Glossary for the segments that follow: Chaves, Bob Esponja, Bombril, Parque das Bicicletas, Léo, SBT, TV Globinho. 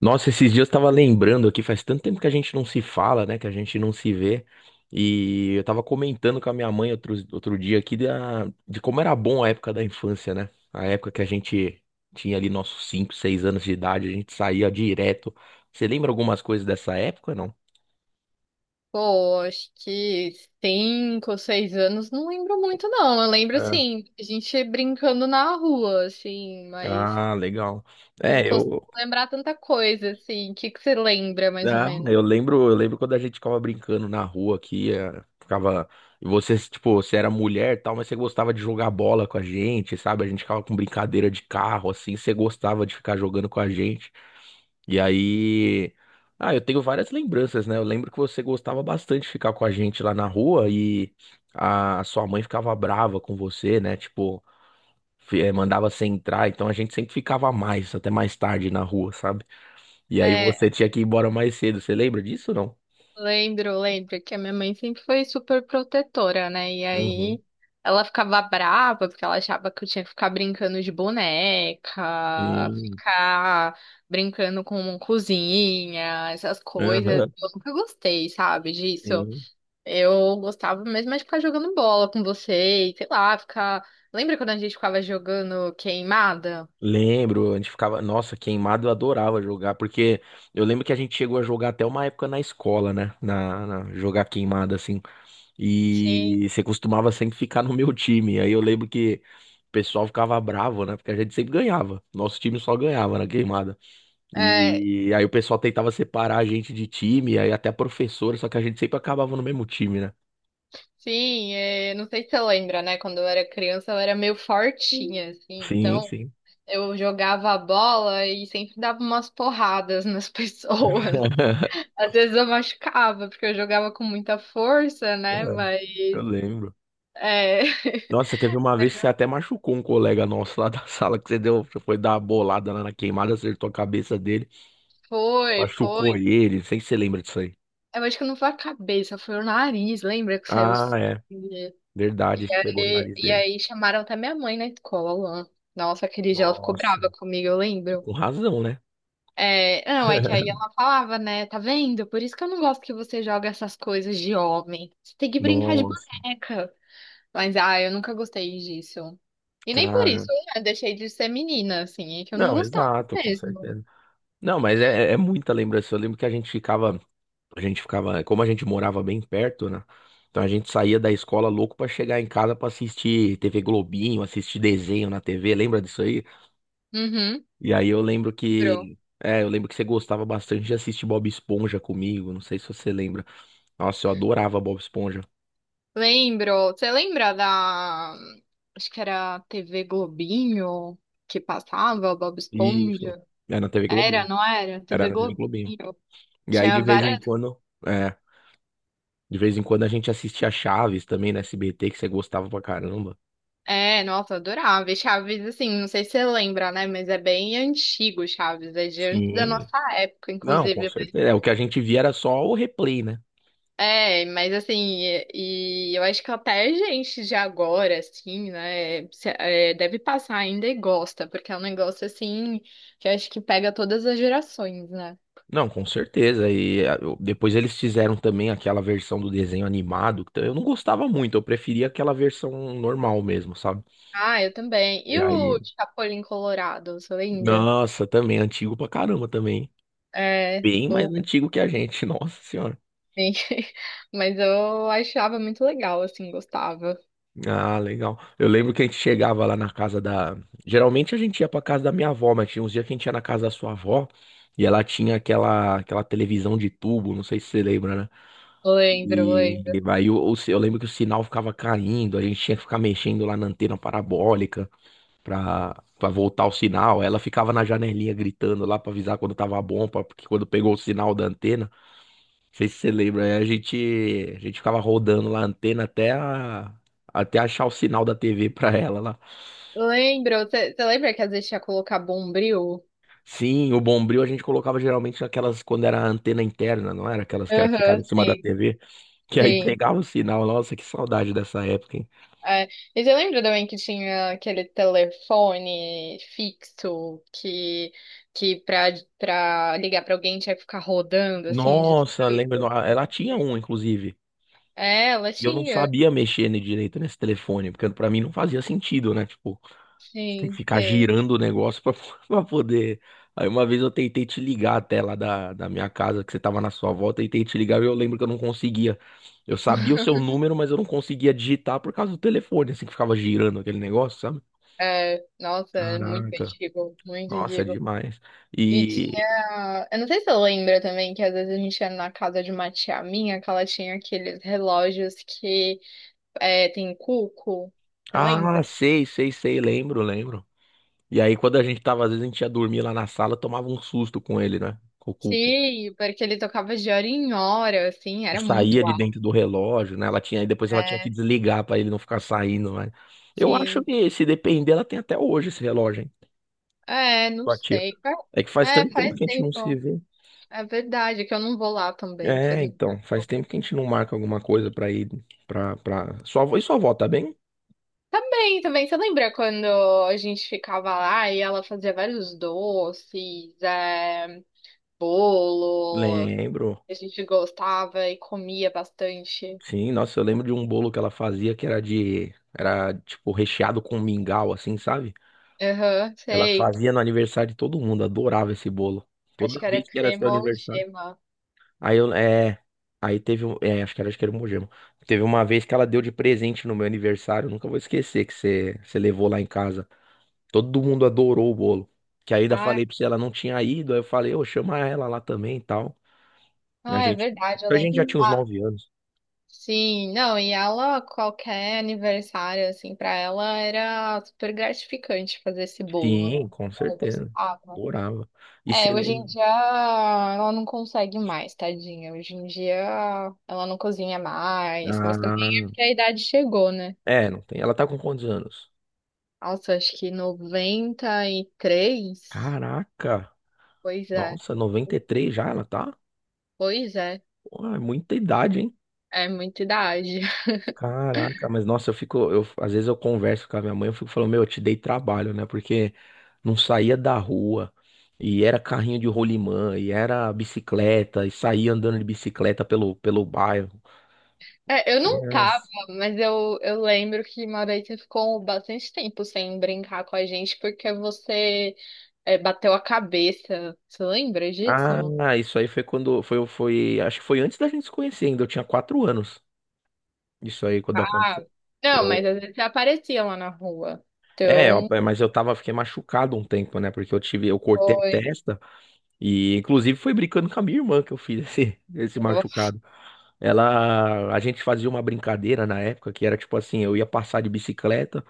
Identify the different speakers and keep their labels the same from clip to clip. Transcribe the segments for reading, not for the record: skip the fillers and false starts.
Speaker 1: Nossa, esses dias eu tava lembrando aqui, faz tanto tempo que a gente não se fala, né? Que a gente não se vê. E eu tava comentando com a minha mãe outro dia aqui de como era bom a época da infância, né? A época que a gente tinha ali nossos 5, 6 anos de idade, a gente saía direto. Você lembra algumas coisas dessa época, não?
Speaker 2: Pô, acho que 5 ou 6 anos, não lembro muito, não. Eu lembro,
Speaker 1: É.
Speaker 2: assim, a gente brincando na rua, assim, mas
Speaker 1: Ah, legal.
Speaker 2: não
Speaker 1: É,
Speaker 2: costumo
Speaker 1: eu,
Speaker 2: lembrar tanta coisa, assim. O que que você lembra, mais ou
Speaker 1: Ah,
Speaker 2: menos?
Speaker 1: eu lembro quando a gente ficava brincando na rua aqui, ficava, e você, tipo, você era mulher e tal, mas você gostava de jogar bola com a gente, sabe? A gente ficava com brincadeira de carro, assim, você gostava de ficar jogando com a gente. E aí, ah, eu tenho várias lembranças, né? Eu lembro que você gostava bastante de ficar com a gente lá na rua e a sua mãe ficava brava com você, né? Tipo, mandava você entrar, então a gente sempre ficava mais, até mais tarde na rua, sabe? E aí você
Speaker 2: É,
Speaker 1: tinha que ir embora mais cedo, você lembra disso, ou não?
Speaker 2: lembro, lembro que a minha mãe sempre foi super protetora, né? E
Speaker 1: Uhum,
Speaker 2: aí ela ficava brava porque ela achava que eu tinha que ficar brincando de boneca,
Speaker 1: sim.
Speaker 2: ficar brincando com cozinha, essas coisas.
Speaker 1: Aham,
Speaker 2: Eu nunca gostei, sabe, disso.
Speaker 1: sim.
Speaker 2: Eu gostava mesmo mais de ficar jogando bola com você, e sei lá, ficar. Lembra quando a gente ficava jogando queimada?
Speaker 1: Lembro, a gente ficava, nossa, queimado eu adorava jogar, porque eu lembro que a gente chegou a jogar até uma época na escola, né? Jogar queimada assim.
Speaker 2: Sim.
Speaker 1: E você costumava sempre ficar no meu time. Aí eu lembro que o pessoal ficava bravo, né? Porque a gente sempre ganhava. Nosso time só ganhava na queimada.
Speaker 2: É,
Speaker 1: E aí o pessoal tentava separar a gente de time, aí até a professora, só que a gente sempre acabava no mesmo time, né?
Speaker 2: sim, é, não sei se você lembra, né? Quando eu era criança, eu era meio fortinha, assim,
Speaker 1: Sim,
Speaker 2: então
Speaker 1: sim.
Speaker 2: eu jogava a bola e sempre dava umas porradas nas pessoas. Às vezes eu machucava, porque eu jogava com muita força, né? Mas.
Speaker 1: Eu lembro.
Speaker 2: É,
Speaker 1: Nossa, teve uma vez que você até machucou um colega nosso lá da sala que você foi dar uma bolada lá na queimada, acertou a cabeça dele,
Speaker 2: foi,
Speaker 1: machucou
Speaker 2: foi.
Speaker 1: ele, não sei se você lembra disso aí.
Speaker 2: Eu acho que não foi a cabeça, foi o nariz, lembra que saiu.
Speaker 1: Ah, é,
Speaker 2: E
Speaker 1: verdade, que pegou no
Speaker 2: aí,
Speaker 1: nariz
Speaker 2: e
Speaker 1: dele.
Speaker 2: aí chamaram até minha mãe na escola lá. Nossa, aquele dia ela ficou
Speaker 1: Nossa,
Speaker 2: brava comigo, eu lembro.
Speaker 1: com razão, né?
Speaker 2: É, não, é que aí ela falava, né? Tá vendo? Por isso que eu não gosto que você joga essas coisas de homem. Você tem que brincar de
Speaker 1: Nossa,
Speaker 2: boneca. Mas, ah, eu nunca gostei disso. E nem por isso,
Speaker 1: cara.
Speaker 2: né? Deixei de ser menina, assim. É que eu não
Speaker 1: Não,
Speaker 2: gostava
Speaker 1: exato, com
Speaker 2: mesmo.
Speaker 1: certeza. Não, mas é muita lembrança. Eu lembro que a gente ficava, como a gente morava bem perto, né? Então a gente saía da escola louco pra chegar em casa pra assistir TV Globinho, assistir desenho na TV. Lembra disso aí?
Speaker 2: Uhum,
Speaker 1: E aí eu lembro
Speaker 2: lembro.
Speaker 1: que. É, eu lembro que você gostava bastante de assistir Bob Esponja comigo. Não sei se você lembra. Nossa, eu adorava Bob Esponja.
Speaker 2: Lembro. Você lembra da... Acho que era TV Globinho, que passava, Bob
Speaker 1: Isso.
Speaker 2: Esponja.
Speaker 1: Era na TV
Speaker 2: Era,
Speaker 1: Globinho.
Speaker 2: não era?
Speaker 1: Era
Speaker 2: TV
Speaker 1: na TV Globinho.
Speaker 2: Globinho.
Speaker 1: E aí
Speaker 2: Tinha
Speaker 1: de vez em
Speaker 2: várias.
Speaker 1: quando. É. De vez em quando a gente assistia Chaves também na SBT, que você gostava pra caramba.
Speaker 2: É, nossa, eu adorava. E Chaves, assim, não sei se você lembra, né? Mas é bem antigo, Chaves. É de antes da
Speaker 1: Sim.
Speaker 2: nossa época,
Speaker 1: Não, com
Speaker 2: inclusive.
Speaker 1: certeza. É, o que a gente via era só o replay, né?
Speaker 2: É, mas assim, e eu acho que até gente de agora, assim, né? É, deve passar ainda e gosta, porque é um negócio, assim, que eu acho que pega todas as gerações, né?
Speaker 1: Não, com certeza. E depois eles fizeram também aquela versão do desenho animado, que eu não gostava muito, eu preferia aquela versão normal mesmo, sabe?
Speaker 2: Ah, eu também. E
Speaker 1: E aí?
Speaker 2: o Chapolin Colorado, você lembra?
Speaker 1: Nossa, também, antigo pra caramba também.
Speaker 2: É.
Speaker 1: Bem mais
Speaker 2: o
Speaker 1: antigo que a gente, nossa senhora.
Speaker 2: Sim. Mas eu achava muito legal, assim, gostava.
Speaker 1: Ah, legal. Eu lembro que a gente chegava lá na casa da. Geralmente a gente ia pra casa da minha avó, mas tinha uns dias que a gente ia na casa da sua avó e ela tinha aquela televisão de tubo, não sei se você lembra, né?
Speaker 2: Lembro,
Speaker 1: E
Speaker 2: lembro.
Speaker 1: e aí eu lembro que o sinal ficava caindo, a gente tinha que ficar mexendo lá na antena parabólica pra voltar o sinal. Ela ficava na janelinha gritando lá pra avisar quando tava bom, porque quando pegou o sinal da antena. Não sei se você lembra, aí a gente ficava rodando lá a antena até achar o sinal da TV pra ela lá.
Speaker 2: Lembro, você lembra que às vezes tinha que colocar Bombril?
Speaker 1: Sim, o Bombril a gente colocava geralmente aquelas quando era a antena interna, não era? Aquelas que era, ficava
Speaker 2: Aham,
Speaker 1: em cima da
Speaker 2: sim,
Speaker 1: TV, que aí
Speaker 2: sim.
Speaker 1: pegava o sinal. Nossa, que saudade dessa época, hein?
Speaker 2: É. E você lembra também que tinha aquele telefone fixo que, que pra ligar pra alguém tinha que ficar rodando, assim, de
Speaker 1: Nossa, lembra?
Speaker 2: tudo?
Speaker 1: Ela tinha um, inclusive.
Speaker 2: É, ela
Speaker 1: E eu não
Speaker 2: tinha.
Speaker 1: sabia mexer direito nesse telefone, porque pra mim não fazia sentido, né? Tipo, tem que
Speaker 2: Sim,
Speaker 1: ficar
Speaker 2: sim.
Speaker 1: girando o negócio pra, pra poder. Aí uma vez eu tentei te ligar até lá da minha casa, que você tava na sua volta, tentei te ligar e eu lembro que eu não conseguia. Eu sabia o seu número, mas eu não conseguia digitar por causa do telefone, assim que ficava girando aquele negócio, sabe?
Speaker 2: É, nossa, é muito
Speaker 1: Caraca.
Speaker 2: antigo, muito
Speaker 1: Nossa, é
Speaker 2: antigo.
Speaker 1: demais.
Speaker 2: E
Speaker 1: E.
Speaker 2: tinha. Eu não sei se você lembra também que às vezes a gente ia na casa de uma tia minha, que ela tinha aqueles relógios que é, tem cuco. Você
Speaker 1: Ah,
Speaker 2: lembra?
Speaker 1: sei, sei, sei, lembro, lembro. E aí quando a gente tava, às vezes a gente ia dormir lá na sala, tomava um susto com ele, né? Com o cu.
Speaker 2: Sim, porque ele tocava de hora em hora, assim,
Speaker 1: E
Speaker 2: era
Speaker 1: saía
Speaker 2: muito
Speaker 1: de
Speaker 2: alto.
Speaker 1: dentro do relógio, né? Ela tinha, e depois ela tinha que
Speaker 2: É,
Speaker 1: desligar para ele não ficar saindo, né? Eu acho
Speaker 2: sim.
Speaker 1: que se depender, ela tem até hoje esse relógio, hein?
Speaker 2: É, não
Speaker 1: Sua tia.
Speaker 2: sei.
Speaker 1: É que faz
Speaker 2: É,
Speaker 1: tanto tempo
Speaker 2: faz
Speaker 1: que a gente não se
Speaker 2: tempo.
Speaker 1: vê.
Speaker 2: É verdade, que eu não vou lá também. Faz
Speaker 1: É,
Speaker 2: muito
Speaker 1: então, faz
Speaker 2: tempo.
Speaker 1: tempo que a gente não marca alguma coisa pra ir pra. E sua avó, tá bem?
Speaker 2: Também, também. Você lembra quando a gente ficava lá e ela fazia vários doces, é, bolo?
Speaker 1: Lembro.
Speaker 2: A gente gostava e comia bastante.
Speaker 1: Sim, nossa, eu lembro de um bolo que ela fazia que era, tipo, recheado com mingau, assim, sabe?
Speaker 2: Aham,
Speaker 1: Ela
Speaker 2: sei.
Speaker 1: fazia no aniversário de todo mundo, adorava esse bolo.
Speaker 2: Acho
Speaker 1: Toda
Speaker 2: que era
Speaker 1: vez que era seu aniversário.
Speaker 2: cremogema.
Speaker 1: Aí eu, é, aí teve um, acho que era o Mogi. Teve uma vez que ela deu de presente no meu aniversário, eu nunca vou esquecer que você levou lá em casa. Todo mundo adorou o bolo. Que aí ainda
Speaker 2: Ah,
Speaker 1: falei pra você, ela não tinha ido, aí eu falei, ô, chama ela lá também e tal. A
Speaker 2: ah, é
Speaker 1: gente,
Speaker 2: verdade, eu
Speaker 1: a
Speaker 2: lembro.
Speaker 1: gente já tinha uns
Speaker 2: Ah,
Speaker 1: 9 anos.
Speaker 2: sim. Não, e ela, qualquer aniversário, assim, pra ela era super gratificante fazer esse bolo,
Speaker 1: Sim,
Speaker 2: né?
Speaker 1: com
Speaker 2: Ela
Speaker 1: certeza.
Speaker 2: gostava.
Speaker 1: Adorava. E você
Speaker 2: É, hoje em
Speaker 1: lembra?
Speaker 2: dia ela não consegue mais, tadinha. Hoje em dia ela não cozinha mais,
Speaker 1: Ah,
Speaker 2: mas também é porque a idade chegou, né?
Speaker 1: é, não tem. Ela tá com quantos anos?
Speaker 2: Nossa, acho que 93.
Speaker 1: Caraca!
Speaker 2: Pois é.
Speaker 1: Nossa, 93 já ela tá?
Speaker 2: Pois é,
Speaker 1: Pô, é muita idade, hein?
Speaker 2: é muita idade.
Speaker 1: Caraca, mas nossa, às vezes eu converso com a minha mãe, eu fico falando, meu, eu te dei trabalho, né? Porque não saía da rua, e era carrinho de rolimã, e era bicicleta, e saía andando de bicicleta pelo bairro.
Speaker 2: É, eu não tava,
Speaker 1: Yes.
Speaker 2: mas eu lembro que uma vez você ficou bastante tempo sem brincar com a gente porque você bateu a cabeça. Você lembra disso?
Speaker 1: Ah, isso aí foi quando, foi, foi, acho que foi antes da gente se conhecer ainda, eu tinha 4 anos, isso aí quando
Speaker 2: Ah,
Speaker 1: aconteceu.
Speaker 2: não, mas
Speaker 1: Eu,
Speaker 2: às vezes você aparecia lá na rua.
Speaker 1: é, eu-
Speaker 2: Então,
Speaker 1: mas eu tava, fiquei machucado um tempo, né? Porque eu cortei a
Speaker 2: foi.
Speaker 1: testa, e inclusive foi brincando com a minha irmã que eu fiz esse machucado. A gente fazia uma brincadeira na época que era tipo assim, eu ia passar de bicicleta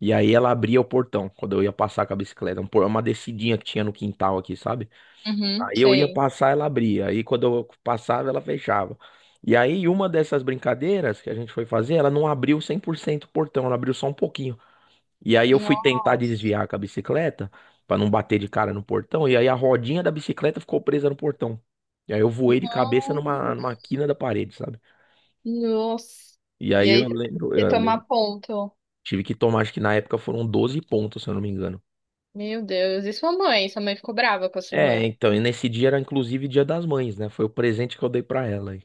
Speaker 1: e aí ela abria o portão quando eu ia passar com a bicicleta, uma descidinha que tinha no quintal aqui, sabe?
Speaker 2: Uhum,
Speaker 1: Aí eu ia
Speaker 2: sei.
Speaker 1: passar, ela abria, aí quando eu passava, ela fechava. E aí uma dessas brincadeiras que a gente foi fazer, ela não abriu 100% o portão, ela abriu só um pouquinho. E aí eu fui tentar
Speaker 2: Nossa,
Speaker 1: desviar com a bicicleta pra não bater de cara no portão e aí a rodinha da bicicleta ficou presa no portão. E aí eu voei de cabeça numa quina da parede, sabe?
Speaker 2: nossa.
Speaker 1: E
Speaker 2: E
Speaker 1: aí
Speaker 2: aí você tomar ponto.
Speaker 1: tive que tomar, acho que na época foram 12 pontos, se eu não me engano.
Speaker 2: Meu Deus, e sua mãe? Sua mãe ficou brava com a sua
Speaker 1: É,
Speaker 2: irmã?
Speaker 1: então, e nesse dia era inclusive Dia das Mães, né? Foi o presente que eu dei pra ela aí.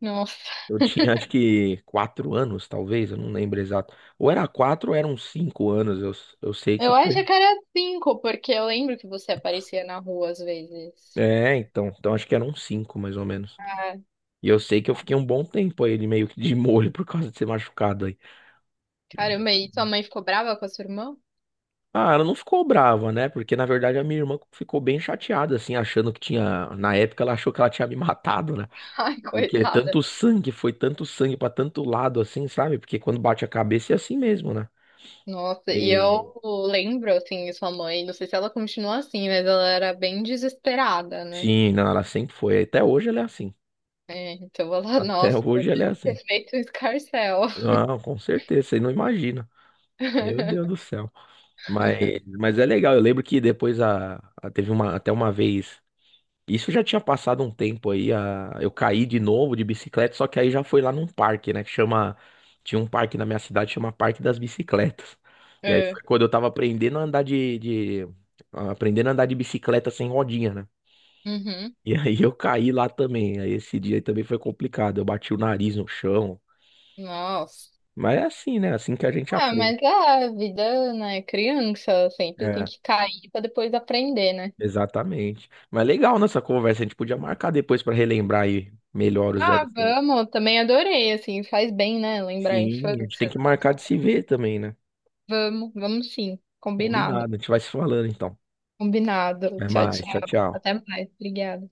Speaker 2: Nossa.
Speaker 1: Eu tinha acho que 4 anos, talvez, eu não lembro exato. Ou era 4 ou 5 anos, eu sei que
Speaker 2: Eu
Speaker 1: foi.
Speaker 2: acho que era cinco, porque eu lembro que você aparecia na rua às vezes.
Speaker 1: É, então, acho que eram cinco, mais ou menos.
Speaker 2: Ah,
Speaker 1: E eu sei que eu fiquei um bom tempo aí, ele meio que de molho por causa de ser machucado aí.
Speaker 2: caramba, e sua mãe ficou brava com a sua irmã?
Speaker 1: Ah, ela não ficou brava, né? Porque na verdade a minha irmã ficou bem chateada, assim, achando que tinha. Na época ela achou que ela tinha me matado, né?
Speaker 2: Ai,
Speaker 1: E que é
Speaker 2: coitada.
Speaker 1: tanto sangue, foi tanto sangue pra tanto lado assim, sabe? Porque quando bate a cabeça é assim mesmo, né?
Speaker 2: Nossa, e
Speaker 1: E
Speaker 2: eu lembro, assim, sua mãe, não sei se ela continua assim, mas ela era bem desesperada, né?
Speaker 1: sim, não, ela sempre foi. Até hoje ela é assim.
Speaker 2: É, então ela,
Speaker 1: Até
Speaker 2: nossa, ela
Speaker 1: hoje ela é
Speaker 2: deve ter
Speaker 1: assim.
Speaker 2: feito um escarcéu.
Speaker 1: Não, com certeza, você não imagina. Meu Deus do céu. Mas é legal, eu lembro que depois até uma vez. Isso já tinha passado um tempo aí, eu caí de novo de bicicleta, só que aí já foi lá num parque, né, tinha um parque na minha cidade, chama Parque das Bicicletas. E aí
Speaker 2: É.
Speaker 1: foi quando eu tava aprendendo a andar de bicicleta sem rodinha, né?
Speaker 2: Uhum.
Speaker 1: E aí eu caí lá também, aí esse dia aí também foi complicado, eu bati o nariz no chão,
Speaker 2: Nossa.
Speaker 1: mas é assim, né, assim que a gente
Speaker 2: Ah,
Speaker 1: aprende.
Speaker 2: mas a vida, né, criança, sempre tem
Speaker 1: É,
Speaker 2: que cair pra depois aprender, né?
Speaker 1: exatamente. Mas legal nessa conversa, a gente podia marcar depois pra relembrar aí melhor os
Speaker 2: Ah,
Speaker 1: velhos tempos.
Speaker 2: vamos, também adorei, assim, faz bem, né? Lembrar a
Speaker 1: Sim, a gente tem
Speaker 2: infância,
Speaker 1: que
Speaker 2: dar uma
Speaker 1: marcar de
Speaker 2: volta.
Speaker 1: se ver também, né?
Speaker 2: Vamos, vamos sim,
Speaker 1: Combinado,
Speaker 2: combinado,
Speaker 1: a gente vai se falando então.
Speaker 2: combinado.
Speaker 1: Até
Speaker 2: Tchau,
Speaker 1: mais, tchau,
Speaker 2: tchau.
Speaker 1: tchau.
Speaker 2: Até mais, obrigada.